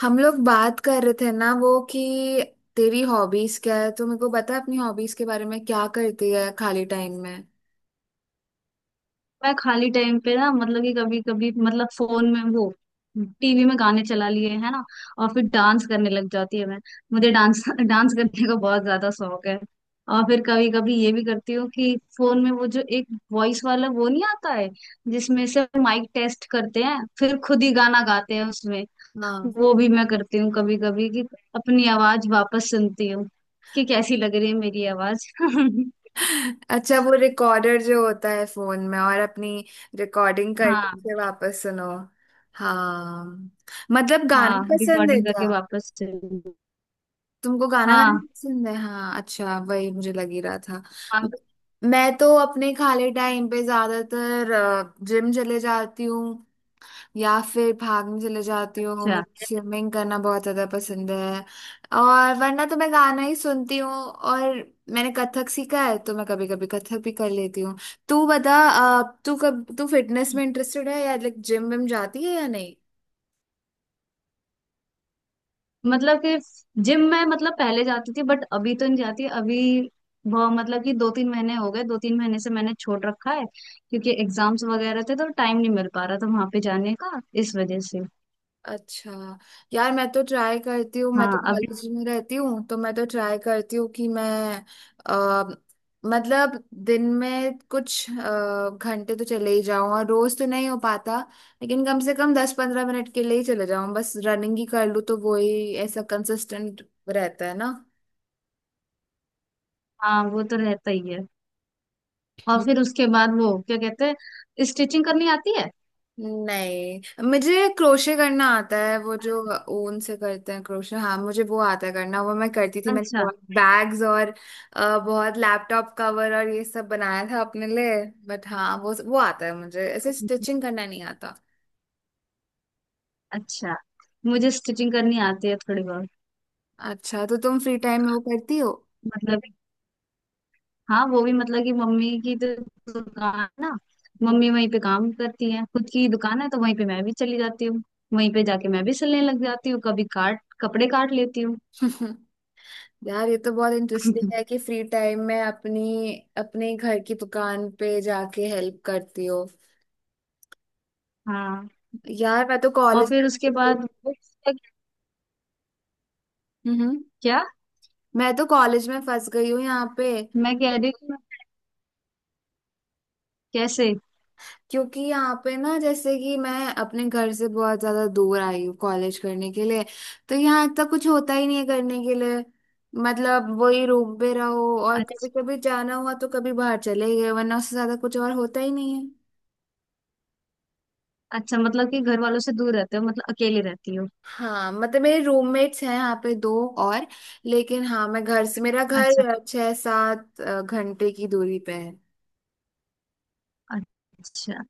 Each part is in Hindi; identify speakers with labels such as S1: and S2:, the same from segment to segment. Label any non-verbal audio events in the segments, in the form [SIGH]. S1: हम लोग बात कर रहे थे ना, वो कि तेरी हॉबीज क्या है। तो मेरे को बता अपनी हॉबीज के बारे में, क्या करती है खाली टाइम में।
S2: मैं खाली टाइम पे ना मतलब कि कभी कभी मतलब फोन में वो टीवी में गाने चला लिए है ना। और फिर डांस करने लग जाती है। मैं मुझे डांस [LAUGHS] डांस करने का बहुत ज्यादा शौक है। और फिर कभी कभी ये भी करती हूँ कि फोन में वो जो एक वॉइस वाला वो नहीं आता है, जिसमें से माइक टेस्ट करते हैं फिर खुद ही गाना गाते हैं उसमें।
S1: हाँ,
S2: वो भी मैं करती हूँ कभी कभी कि अपनी आवाज वापस सुनती हूँ कि कैसी लग रही है मेरी आवाज [LAUGHS]
S1: अच्छा वो रिकॉर्डर जो होता है फोन में, और अपनी रिकॉर्डिंग करके
S2: हाँ।
S1: फिर वापस सुनो। हाँ, मतलब गाना
S2: हाँ
S1: पसंद है
S2: रिकॉर्डिंग
S1: क्या?
S2: करके वापस सुनती हूँ।
S1: तुमको गाना गाना
S2: हाँ।
S1: पसंद है। हाँ, अच्छा वही मुझे लग ही रहा था।
S2: हाँ,
S1: मैं तो अपने खाली टाइम पे ज्यादातर जिम चले जाती हूँ, या फिर भागने चले जाती हूँ।
S2: अच्छा
S1: मुझे स्विमिंग करना बहुत ज्यादा पसंद है। और वरना तो मैं गाना ही सुनती हूँ, और मैंने कथक सीखा है तो मैं कभी कभी कथक भी कर लेती हूँ। तू बता तू कब तू फिटनेस में इंटरेस्टेड है, या लाइक जिम विम जाती है या नहीं?
S2: मतलब कि जिम में मतलब पहले जाती थी बट अभी तो नहीं जाती। अभी बहुत मतलब कि दो तीन महीने हो गए, दो तीन महीने से मैंने छोड़ रखा है क्योंकि एग्जाम्स वगैरह थे तो टाइम नहीं मिल पा रहा था वहां पे जाने का, इस वजह से।
S1: अच्छा, यार मैं तो ट्राई करती हूँ, मैं तो
S2: हाँ अभी।
S1: कॉलेज में रहती हूँ तो मैं तो ट्राई करती हूँ कि मैं आ, मतलब दिन में कुछ घंटे तो चले ही जाऊँ। और रोज तो नहीं हो पाता, लेकिन कम से कम 10 15 मिनट के लिए ही चले जाऊँ, बस रनिंग ही कर लूँ, तो वो ही ऐसा कंसिस्टेंट रहता है ना।
S2: हाँ वो तो रहता ही है। और फिर उसके बाद वो क्या कहते हैं, स्टिचिंग करनी आती है।
S1: नहीं, मुझे क्रोशे करना आता है, वो जो ऊन से करते हैं क्रोशे। हाँ, मुझे वो आता है करना। वो मैं करती थी, मैंने
S2: अच्छा।
S1: बहुत बैग्स और बहुत लैपटॉप कवर और ये सब बनाया था अपने लिए। बट हाँ, वो आता है मुझे, ऐसे
S2: अच्छा।
S1: स्टिचिंग करना नहीं आता।
S2: अच्छा मुझे स्टिचिंग करनी आती है थोड़ी बहुत।
S1: अच्छा तो तुम फ्री टाइम में वो करती हो।
S2: मतलब हाँ वो भी, मतलब कि मम्मी की तो दुकान है ना। मम्मी वहीं पे काम करती है, खुद की दुकान है तो वहीं पे मैं भी चली जाती हूँ। वहीं पे जाके मैं भी सिलने लग जाती हूँ, कभी काट कपड़े काट लेती हूँ।
S1: हम्म। [LAUGHS] यार ये तो बहुत इंटरेस्टिंग है
S2: [LAUGHS]
S1: कि फ्री टाइम में अपनी अपने घर की दुकान पे जाके हेल्प करती हो।
S2: हाँ।
S1: यार मैं तो
S2: और
S1: कॉलेज
S2: फिर उसके
S1: में।
S2: बाद बुक्स तक-
S1: हम्म।
S2: क्या?
S1: मैं तो कॉलेज में फंस गई हूँ यहाँ पे।
S2: मैं कह रही हूँ कैसे।
S1: क्योंकि यहाँ पे ना जैसे कि मैं अपने घर से बहुत ज्यादा दूर आई हूँ कॉलेज करने के लिए, तो यहाँ तक कुछ होता ही नहीं है करने के लिए। मतलब वही रूम पे रहो, और कभी
S2: अच्छा,
S1: कभी जाना हुआ तो कभी बाहर चले गए, वरना उससे ज्यादा कुछ और होता ही नहीं है।
S2: अच्छा मतलब कि घर वालों से दूर रहते हो, मतलब अकेले रहती हो।
S1: हाँ, मतलब मेरे रूममेट्स हैं यहाँ पे दो, और लेकिन हाँ मैं घर से, मेरा
S2: अच्छा।
S1: घर छह सात घंटे की दूरी पे है।
S2: अच्छा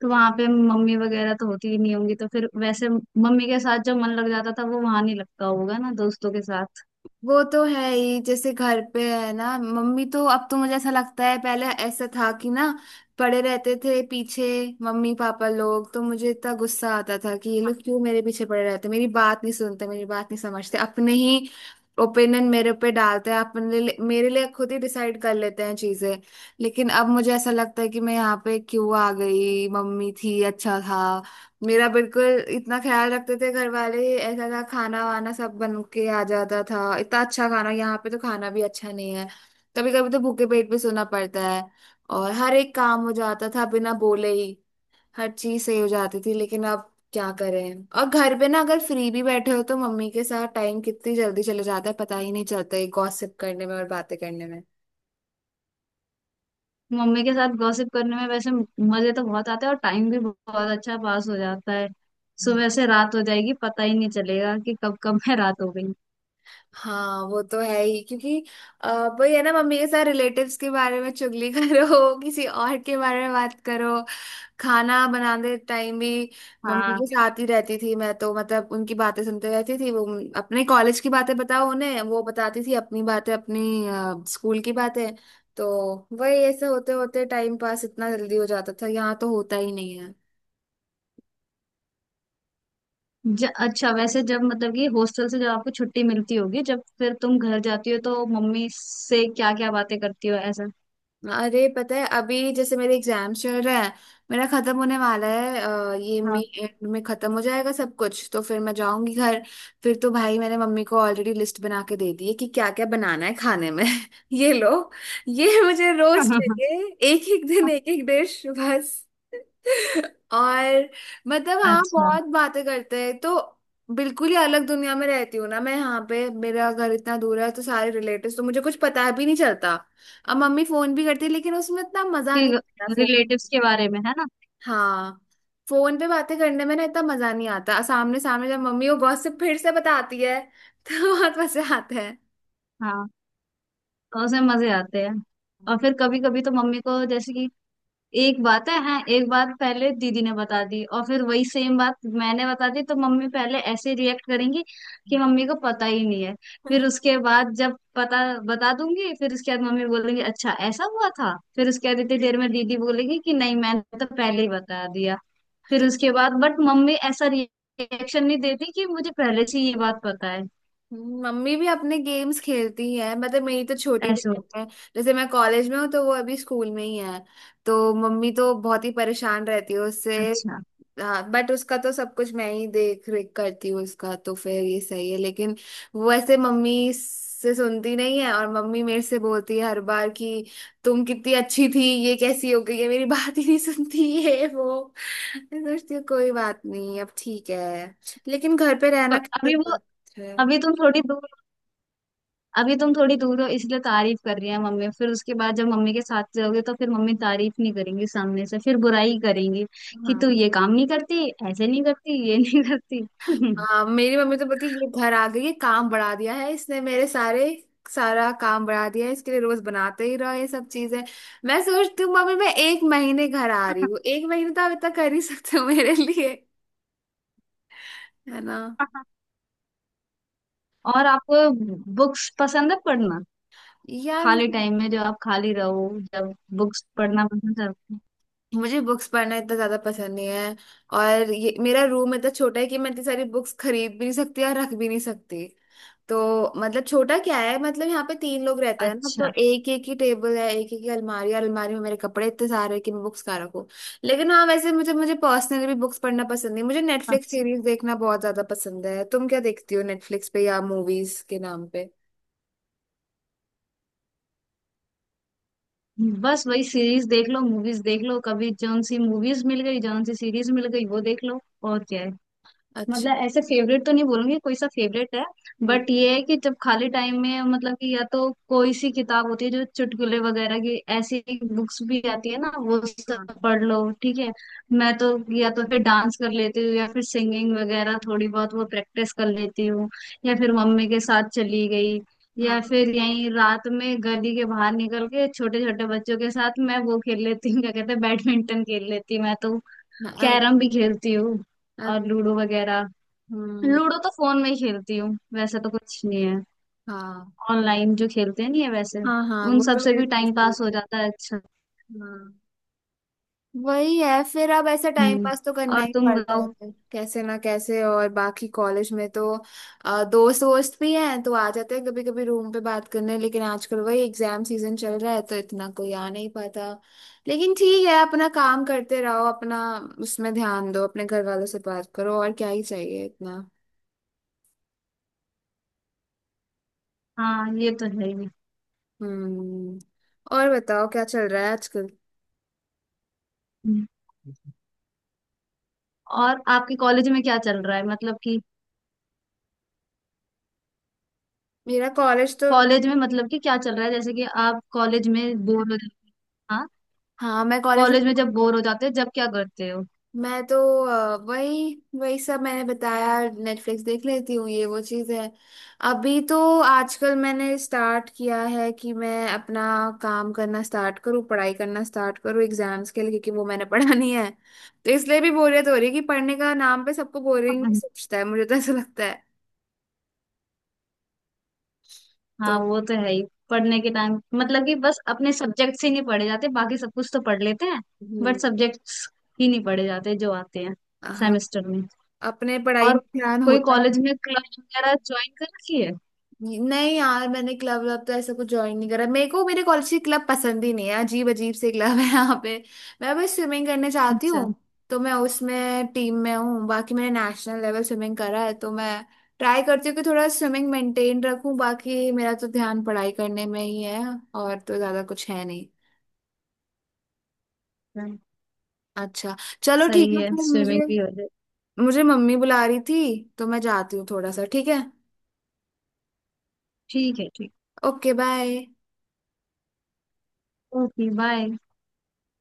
S2: तो वहां पे मम्मी वगैरह तो होती ही नहीं होंगी, तो फिर वैसे मम्मी के साथ जो मन लग जाता था वो वहां नहीं लगता होगा ना दोस्तों के साथ।
S1: वो तो है ही, जैसे घर पे है ना मम्मी। तो अब तो मुझे ऐसा लगता है, पहले ऐसा था कि ना, पड़े रहते थे पीछे मम्मी पापा लोग, तो मुझे इतना गुस्सा आता था कि ये लोग क्यों मेरे पीछे पड़े रहते, मेरी बात नहीं सुनते, मेरी बात नहीं समझते, अपने ही ओपिनियन मेरे पे डालते हैं, मेरे लिए खुद ही डिसाइड कर लेते हैं चीजें। लेकिन अब मुझे ऐसा लगता है कि मैं यहाँ पे क्यों आ गई, मम्मी थी अच्छा था। मेरा बिल्कुल इतना ख्याल रखते थे घर वाले, ऐसा था खाना वाना सब बन के आ जाता था, इतना अच्छा खाना। यहाँ पे तो खाना भी अच्छा नहीं है, कभी कभी तो भूखे पेट पे सोना पड़ता है। और हर एक काम हो जाता था बिना बोले ही, हर चीज सही हो जाती थी। लेकिन अब क्या करें। और घर पे ना, अगर फ्री भी बैठे हो तो मम्मी के साथ टाइम कितनी जल्दी चले जाता है, पता ही नहीं चलता है, गॉसिप करने में और बातें करने
S2: मम्मी के साथ गॉसिप करने में वैसे मजे तो बहुत आते हैं, और टाइम भी बहुत अच्छा पास हो जाता है।
S1: में।
S2: सुबह से रात हो जाएगी पता ही नहीं चलेगा कि कब कब में रात हो गई।
S1: हाँ, वो तो है ही। क्योंकि वही है ना, मम्मी के साथ रिलेटिव्स के बारे में चुगली [LAUGHS] करो, किसी और के बारे में बात करो। खाना बनाते टाइम भी मम्मी
S2: हाँ।
S1: के साथ ही रहती थी मैं तो। मतलब उनकी बातें सुनते रहती थी, वो अपने कॉलेज की बातें बताओ उन्हें, वो बताती थी अपनी बातें, अपनी स्कूल की बातें। तो वही ऐसे होते होते टाइम पास इतना जल्दी हो जाता था, यहाँ तो होता ही नहीं है।
S2: अच्छा वैसे जब मतलब कि हॉस्टल से जब आपको छुट्टी मिलती होगी, जब फिर तुम घर जाती हो, तो मम्मी से क्या क्या बातें करती हो ऐसा?
S1: अरे पता है, अभी जैसे मेरे एग्जाम्स चल रहे हैं, मेरा खत्म होने वाला है ये मई
S2: हाँ।
S1: एंड में खत्म हो जाएगा सब कुछ, तो फिर मैं जाऊंगी घर। फिर तो भाई मैंने मम्मी को ऑलरेडी लिस्ट बना के दे दी है कि क्या क्या बनाना है खाने में। [LAUGHS] ये लो, ये मुझे रोज
S2: [LAUGHS]
S1: चाहिए, एक एक दिन एक एक डिश बस। [LAUGHS] और मतलब हाँ,
S2: अच्छा,
S1: बहुत बातें करते हैं तो। बिल्कुल ही अलग दुनिया में रहती हूँ ना मैं यहाँ पे, मेरा घर इतना दूर है, तो सारे रिलेटिव्स तो मुझे कुछ पता भी नहीं चलता। अब मम्मी फोन भी करती है लेकिन उसमें इतना मजा
S2: कि
S1: नहीं आता, फोन।
S2: रिलेटिव्स के बारे में है ना।
S1: हाँ, फोन पे बातें करने में ना इतना मजा नहीं आता। सामने सामने जब मम्मी वो गॉसिप फिर से बताती है [LAUGHS] तो बहुत मजा आता
S2: हाँ तो उसमें मजे आते हैं। और फिर कभी कभी तो मम्मी को जैसे कि एक बात है, हाँ एक बात पहले दीदी ने बता दी और फिर वही सेम बात मैंने बता दी, तो मम्मी पहले ऐसे रिएक्ट करेंगी
S1: है।
S2: कि मम्मी को पता ही नहीं है। फिर उसके बाद जब पता बता दूंगी, फिर उसके बाद मम्मी बोलेंगी अच्छा ऐसा हुआ था। फिर उसके बाद इतनी देर में दीदी बोलेगी कि नहीं मैंने तो पहले ही बता दिया। फिर उसके बाद बट मम्मी ऐसा रिएक्शन नहीं देती कि मुझे पहले से ये बात पता है।
S1: मम्मी भी अपने गेम्स खेलती है। मतलब मेरी तो छोटी
S2: ऐसे
S1: बहन
S2: होता
S1: है, जैसे मैं कॉलेज में हूँ तो वो अभी स्कूल में ही है, तो मम्मी तो बहुत ही परेशान रहती है उससे।
S2: है। अच्छा
S1: हाँ, बट उसका तो सब कुछ मैं ही देख रेख करती हूँ, उसका तो फिर ये सही है। लेकिन वो ऐसे मम्मी से सुनती नहीं है, और मम्मी मेरे से बोलती है हर बार कि तुम कितनी अच्छी थी, ये कैसी हो गई है, मेरी बात ही नहीं सुनती ये वो। मैं सोचती हूँ कोई बात नहीं, अब ठीक है। लेकिन घर पे रहना
S2: पर
S1: कितना
S2: अभी वो,
S1: बात है।
S2: अभी तुम थोड़ी दूर, अभी तुम थोड़ी दूर हो इसलिए तारीफ कर रही है मम्मी। फिर उसके बाद जब मम्मी के साथ रहोगे तो फिर मम्मी तारीफ नहीं करेंगी, सामने से फिर बुराई करेंगी कि
S1: हाँ।
S2: तू ये काम नहीं करती, ऐसे नहीं करती, ये नहीं करती।
S1: हाँ, मेरी मम्मी तो बोलती है ये घर आ गई है, काम बढ़ा दिया है इसने मेरे सारे, सारा काम बढ़ा दिया है, इसके लिए रोज बनाते ही रहो ये सब चीजें। मैं सोचती हूँ मम्मी, मैं एक महीने घर आ रही हूँ, एक महीने तो आप इतना कर ही सकते हो मेरे लिए, है ना।
S2: [LAUGHS] और आपको बुक्स पसंद है पढ़ना?
S1: यार
S2: खाली
S1: मुझे
S2: टाइम में जो आप खाली रहो, जब बुक्स पढ़ना पसंद करते हो?
S1: मुझे बुक्स पढ़ना इतना ज्यादा पसंद नहीं है। और ये मेरा रूम इतना छोटा है कि मैं इतनी सारी बुक्स खरीद भी नहीं सकती और रख भी नहीं सकती तो। मतलब छोटा क्या है, मतलब यहाँ पे तीन लोग रहते हैं ना, तो
S2: अच्छा।
S1: एक एक ही टेबल है, एक एक ही अलमारी है, और अलमारी में मेरे कपड़े इतने सारे हैं कि मैं बुक्स कहाँ रखूँ। लेकिन हाँ वैसे मुझे मुझे पर्सनली भी बुक्स पढ़ना पसंद नहीं, मुझे नेटफ्लिक्स
S2: अच्छा
S1: सीरीज देखना बहुत ज्यादा पसंद है। तुम क्या देखती हो नेटफ्लिक्स पे या मूवीज के नाम पे?
S2: बस वही सीरीज देख लो, मूवीज देख लो, कभी जौन सी मूवीज मिल गई जौन सी सीरीज मिल गई वो देख लो, और क्या है।
S1: अच्छा।
S2: मतलब ऐसे फेवरेट तो नहीं बोलूंगी कोई सा फेवरेट है,
S1: हम्म।
S2: बट ये है कि जब खाली टाइम में मतलब कि या तो कोई सी किताब होती है जो चुटकुले वगैरह की, ऐसी बुक्स भी आती है ना, वो
S1: हाँ।
S2: सब पढ़ लो ठीक है। मैं तो या तो फिर डांस कर लेती हूँ, या फिर सिंगिंग वगैरह थोड़ी बहुत वो प्रैक्टिस कर लेती हूँ, या फिर मम्मी के साथ चली गई, या
S1: हाँ।
S2: फिर यहीं रात में गली के बाहर निकल के छोटे छोटे बच्चों के साथ मैं वो खेल लेती हूँ क्या कहते हैं, बैडमिंटन खेल लेती हूँ मैं तो।
S1: हाँ।
S2: कैरम भी खेलती हूँ।
S1: अ-
S2: और लूडो वगैरह,
S1: हम्म।
S2: लूडो तो फोन में ही खेलती हूँ। वैसे तो कुछ नहीं है।
S1: हाँ।
S2: ऑनलाइन जो खेलते हैं नहीं है वैसे।
S1: हाँ। हाँ,
S2: उन
S1: वो
S2: सब
S1: तो
S2: से
S1: मेरे
S2: भी
S1: पास
S2: टाइम
S1: भी है।
S2: पास हो जाता है। अच्छा।
S1: हाँ, वही है। फिर अब ऐसा टाइम
S2: हम्म
S1: पास तो करना
S2: और
S1: ही
S2: तुम
S1: पड़ता है,
S2: बताओ।
S1: फिर कैसे ना कैसे। और बाकी कॉलेज में तो दोस्त वोस्त भी हैं, तो आ जाते हैं कभी कभी रूम पे बात करने, लेकिन आजकल वही एग्जाम सीजन चल रहा है तो इतना कोई आ नहीं पाता। लेकिन ठीक है, अपना काम करते रहो, अपना उसमें ध्यान दो, अपने घर वालों से बात करो, और क्या ही चाहिए इतना।
S2: हाँ ये तो है ही।
S1: हम्म। और बताओ क्या चल रहा है आजकल।
S2: हम्म, और आपके कॉलेज में क्या चल रहा है, मतलब कि
S1: मेरा कॉलेज तो,
S2: कॉलेज में मतलब कि क्या चल रहा है, जैसे कि आप कॉलेज में बोर हो जाते। हाँ
S1: हाँ मैं कॉलेज में,
S2: कॉलेज में जब बोर हो जाते हो जब क्या करते हो?
S1: मैं तो वही वही सब मैंने बताया, नेटफ्लिक्स देख लेती हूँ ये वो चीज़ है। अभी तो, आजकल मैंने स्टार्ट किया है कि मैं अपना काम करना स्टार्ट करूँ, पढ़ाई करना स्टार्ट करूँ एग्जाम्स के लिए, क्योंकि वो मैंने [LAUGHS] पढ़ानी है, तो इसलिए भी बोरियत हो रही है कि पढ़ने का नाम पे सबको बोरिंग
S2: [LAUGHS]
S1: सोचता है मुझे तो ऐसा लगता है। तो
S2: हाँ वो तो है ही। पढ़ने के टाइम मतलब कि बस अपने सब्जेक्ट्स ही नहीं पढ़े जाते, बाकी सब कुछ तो पढ़ लेते हैं, बट
S1: हम्म,
S2: सब्जेक्ट्स ही नहीं पढ़े जाते जो आते हैं
S1: हाँ
S2: सेमेस्टर में।
S1: अपने पढ़ाई
S2: और
S1: में ध्यान
S2: कोई
S1: होता।
S2: कॉलेज में क्लब वगैरह ज्वाइन कर रखी है?
S1: नहीं यार, मैंने क्लब व्लब तो ऐसा कुछ ज्वाइन नहीं करा, मेरे को मेरे कॉलेज की क्लब पसंद ही नहीं है, अजीब अजीब से क्लब है यहाँ पे। मैं बस स्विमिंग करने चाहती हूँ,
S2: अच्छा।
S1: तो मैं उसमें टीम में हूँ। बाकी मैंने नेशनल लेवल स्विमिंग करा है, तो मैं ट्राई करती हूँ कि थोड़ा स्विमिंग मेंटेन रखूँ। बाकी मेरा तो ध्यान पढ़ाई करने में ही है, और तो ज्यादा कुछ है नहीं।
S2: अच्छा,
S1: अच्छा, चलो ठीक
S2: सही
S1: है।
S2: है
S1: फिर
S2: स्विमिंग
S1: मुझे
S2: भी हो जाए।
S1: मुझे मम्मी बुला रही थी, तो मैं जाती हूँ थोड़ा सा। ठीक है,
S2: ठीक है ठीक।
S1: Okay bye.
S2: Okay bye.